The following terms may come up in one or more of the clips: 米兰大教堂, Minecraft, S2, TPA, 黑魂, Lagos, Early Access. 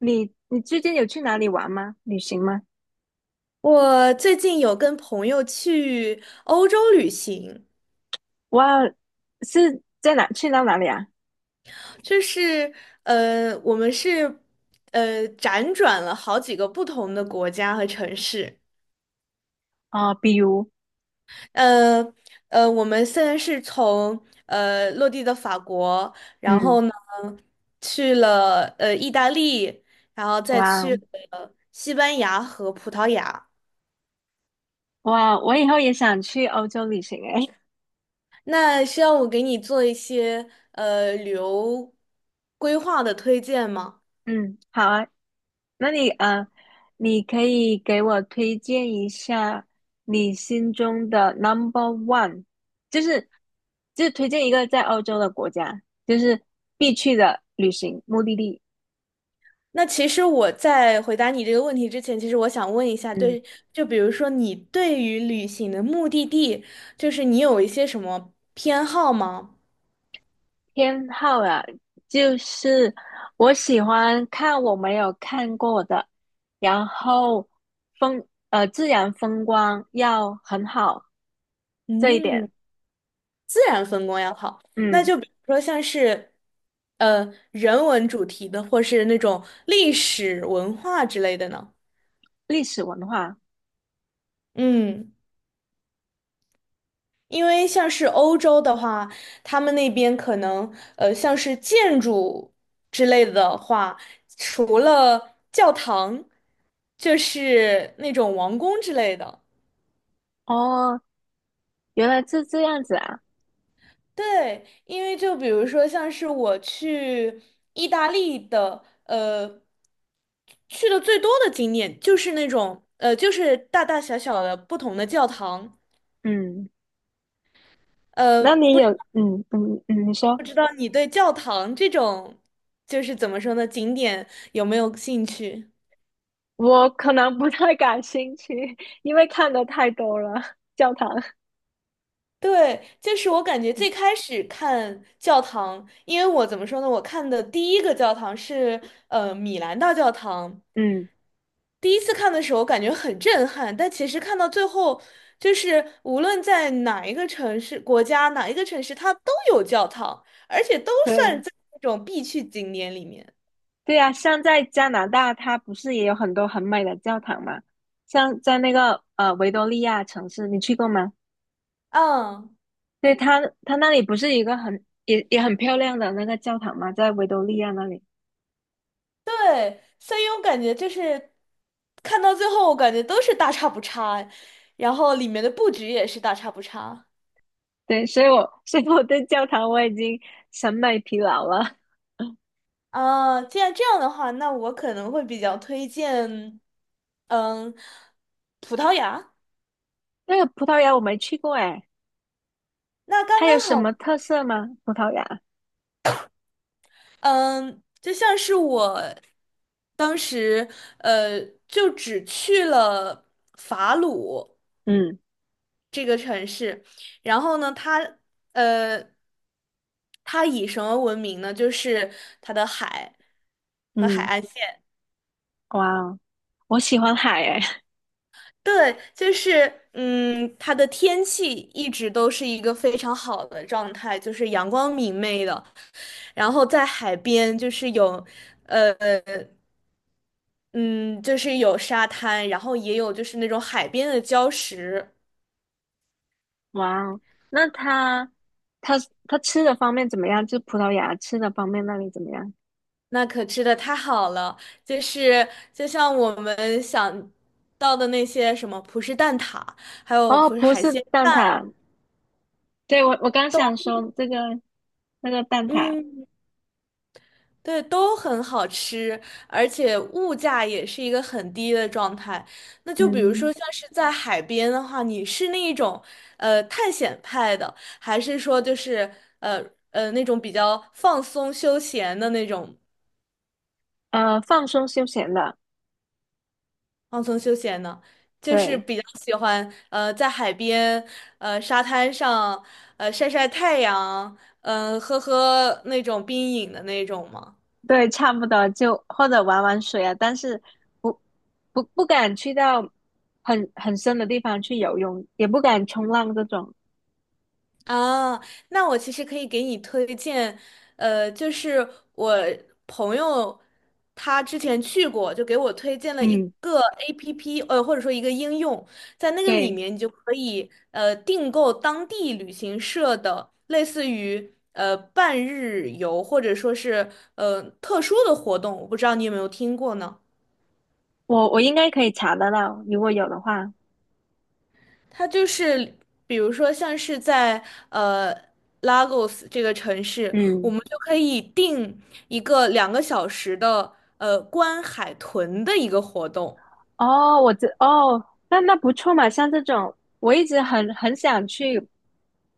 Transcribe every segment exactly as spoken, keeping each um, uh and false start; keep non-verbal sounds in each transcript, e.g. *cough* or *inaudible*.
你你最近有去哪里玩吗？旅行吗？我最近有跟朋友去欧洲旅行，哇，是在哪？去到哪里啊？就是呃，我们是呃辗转了好几个不同的国家和城市。哦，比如，呃呃，我们现在是从呃落地的法国，然嗯，后呢去了呃意大利，然后再哇去了西班牙和葡萄牙。哇，我以后也想去欧洲旅行诶。那需要我给你做一些呃旅游规划的推荐吗？*laughs* 嗯，好啊，那你呃，你可以给我推荐一下你心中的 number one,就是就是推荐一个在欧洲的国家，就是必去的旅行目的地。那其实我在回答你这个问题之前，其实我想问一下。嗯。对，就比如说你对于旅行的目的地，就是你有一些什么偏好吗？偏好啊，就是我喜欢看我没有看过的，然后风呃自然风光要很好这一嗯，点，自然风光要好。那嗯，就比如说像是，呃，人文主题的，或是那种历史文化之类的呢？历史文化。嗯。因为像是欧洲的话，他们那边可能呃，像是建筑之类的话，除了教堂，就是那种王宫之类的。哦，原来是这样子啊，对，因为就比如说像是我去意大利的，呃，去的最多的景点就是那种呃，就是大大小小的不同的教堂。嗯，呃，那你不知有嗯嗯嗯，你说不知道你对教堂这种就是怎么说呢，景点有没有兴趣？我可能不太感兴趣，因为看的太多了教堂，对，就是我感觉最开始看教堂，因为我怎么说呢，我看的第一个教堂是呃米兰大教堂。嗯，第一次看的时候感觉很震撼，但其实看到最后，就是无论在哪一个城市、国家、哪一个城市，它都有教堂，而且都算对。在那种必去景点里面。对呀，像在加拿大，它不是也有很多很美的教堂吗？像在那个呃维多利亚城市，你去过吗？嗯，对，它它那里不是一个很也也很漂亮的那个教堂吗？在维多利亚那里。对，所以我感觉就是看到最后，我感觉都是大差不差，然后里面的布局也是大差不差。对，所以我 *laughs* 所以我对教堂我已经审美疲劳了。啊，既然这样的话，那我可能会比较推荐，嗯，葡萄牙。*laughs* 那个葡萄牙我没去过诶，那刚它有刚什么好。特色吗？葡萄牙？嗯，就像是我当时，呃，就只去了法鲁嗯，这个城市。然后呢，它，呃，它以什么闻名呢？就是它的海和海嗯，岸线。哇哦，我喜欢海诶。对，就是嗯，它的天气一直都是一个非常好的状态，就是阳光明媚的。然后在海边，就是有，呃，嗯，就是有沙滩，然后也有就是那种海边的礁石。哇哦，那他他他吃的方面怎么样？就是葡萄牙吃的方面那里怎么样？那可吃的太好了。就是就像我们想到的那些什么葡式蛋挞，还有哦，葡式葡海式鲜。蛋挞，对，我我刚想说这个那个蛋挞，嗯。对，都很好吃，而且物价也是一个很低的状态。那就比如嗯，说，像是在海边的话，你是那一种呃探险派的，还是说就是呃呃那种比较放松休闲的那种呃，放松休闲的，放松休闲呢？就是对，比较喜欢呃在海边呃沙滩上呃晒晒太阳，嗯、喝喝那种冰饮的那种吗？对，差不多，就或者玩玩水啊，但是不不不敢去到很很深的地方去游泳，也不敢冲浪这种。啊，那我其实可以给你推荐，呃，就是我朋友他之前去过，就给我推荐了一嗯，个 A P P，呃，或者说一个应用。在那个里对，面你就可以呃订购当地旅行社的类似于呃半日游或者说是呃特殊的活动，我不知道你有没有听过呢？我我应该可以查得到，如果有的话，它就是，比如说像是在呃 Lagos 这个城市，我嗯。们就可以定一个两个小时的呃观海豚的一个活动。哦，我知，哦，那那不错嘛，像这种，我一直很很想去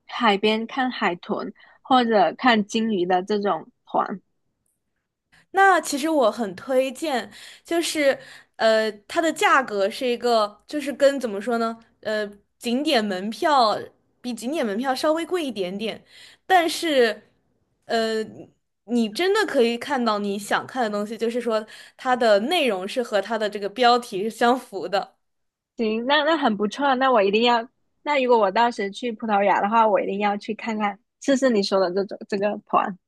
海边看海豚或者看鲸鱼的这种团。那其实我很推荐，就是呃，它的价格是一个，就是跟怎么说呢，呃，景点门票比景点门票稍微贵一点点，但是呃，你真的可以看到你想看的东西，就是说它的内容是和它的这个标题是相符的。行，那那很不错啊，那我一定要。那如果我到时去葡萄牙的话，我一定要去看看，试试你说的这种这个团。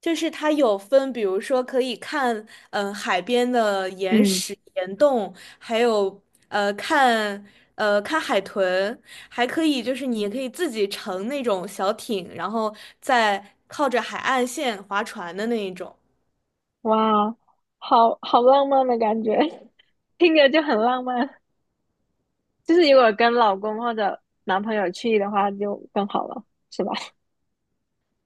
就是它有分，比如说可以看，嗯、海边的岩嗯，石、岩洞，还有呃看呃看海豚，还可以就是你也可以自己乘那种小艇，然后再靠着海岸线划船的那一种。哇，好好浪漫的感觉，*laughs* 听着就很浪漫。就是如果跟老公或者男朋友去的话，就更好了，是吧？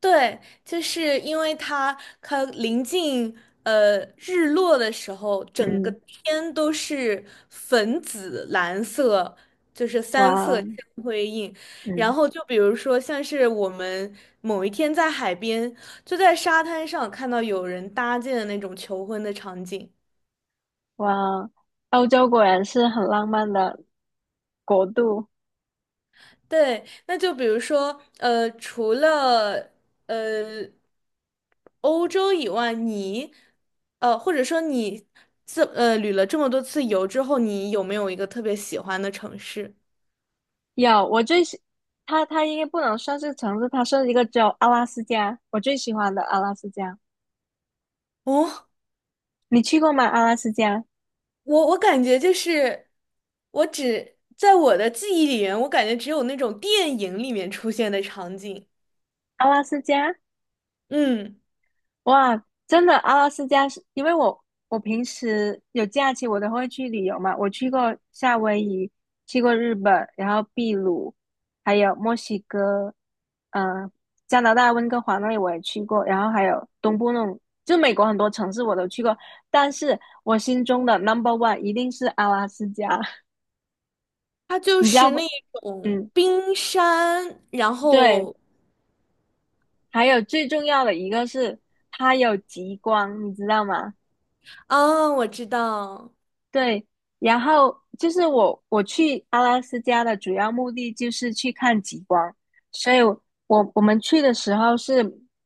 对，就是因为它它临近呃日落的时候，*laughs* 整个嗯，天都是粉紫蓝色，就是三色哇，相辉映。然嗯。后就比如说，像是我们某一天在海边，就在沙滩上看到有人搭建的那种求婚的场景。哇，欧洲果然是很浪漫的国度。对，那就比如说，呃，除了呃欧洲以外，你呃或者说你这呃旅了这么多次游之后，你有没有一个特别喜欢的城市？有，我最喜，它它应该不能算是城市，它算一个州，阿拉斯加，我最喜欢的阿拉斯加。哦，你去过吗？阿拉斯加，我我感觉就是，我只在我的记忆里面，我感觉只有那种电影里面出现的场景。阿拉斯加。嗯，哇，真的，阿拉斯加是因为我我平时有假期我都会去旅游嘛，我去过夏威夷，去过日本，然后秘鲁，还有墨西哥，嗯，加拿大温哥华那里我也去过，然后还有东部那种，就美国很多城市我都去过，但是我心中的 number one 一定是阿拉斯加，它 *laughs* 就你知道是那不？种嗯，冰山，然对，后还有最重要的一个是它有极光，你知道吗？啊，我知道。对，然后就是我我去阿拉斯加的主要目的就是去看极光，所以我，我们去的时候是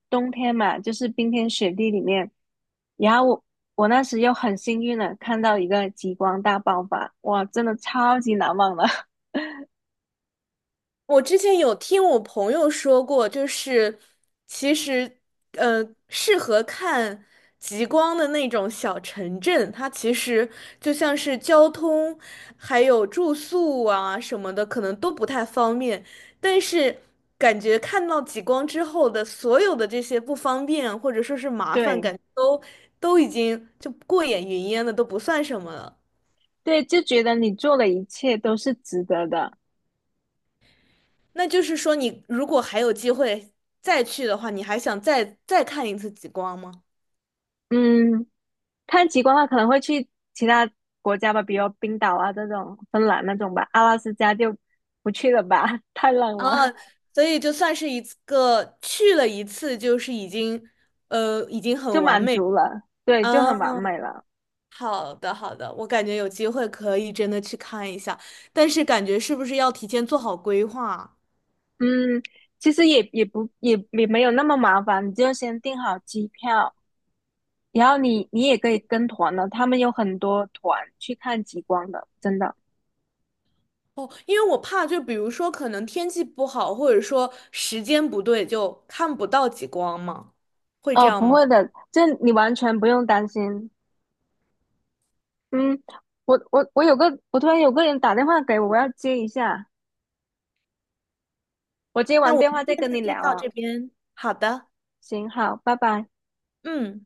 冬天嘛，就是冰天雪地里面，然后我我那时又很幸运的看到一个极光大爆发，哇，真的超级难忘的。*laughs* 我之前有听我朋友说过，就是其实，呃，适合看极光的那种小城镇，它其实就像是交通还有住宿啊什么的，可能都不太方便。但是感觉看到极光之后的所有的这些不方便或者说是麻烦，对，感觉都都已经就过眼云烟了，都不算什么了。对，就觉得你做的一切都是值得的。那就是说，你如果还有机会再去的话，你还想再再看一次极光吗？嗯，看极光的话，可能会去其他国家吧，比如冰岛啊这种、芬兰那种吧，阿拉斯加就不去了吧，*laughs* 太冷了，啊，所以就算是一次个去了一次，就是已经呃已经就很完满美。足了，对，就嗯，很完美了。好的，好的，我感觉有机会可以真的去看一下，但是感觉是不是要提前做好规划啊？嗯，其实也也不也也没有那么麻烦，你就先订好机票，然后你你也可以跟团的，他们有很多团去看极光的，真的。哦，因为我怕就比如说可能天气不好，或者说时间不对，就看不到极光嘛，会这哦，样不吗？会的，这你完全不用担心。嗯，我我我有个，我突然有个人打电话给我，我要接一下。我接那完我电们话这再跟你次先聊到啊，这边，好的。行，好，拜拜。嗯。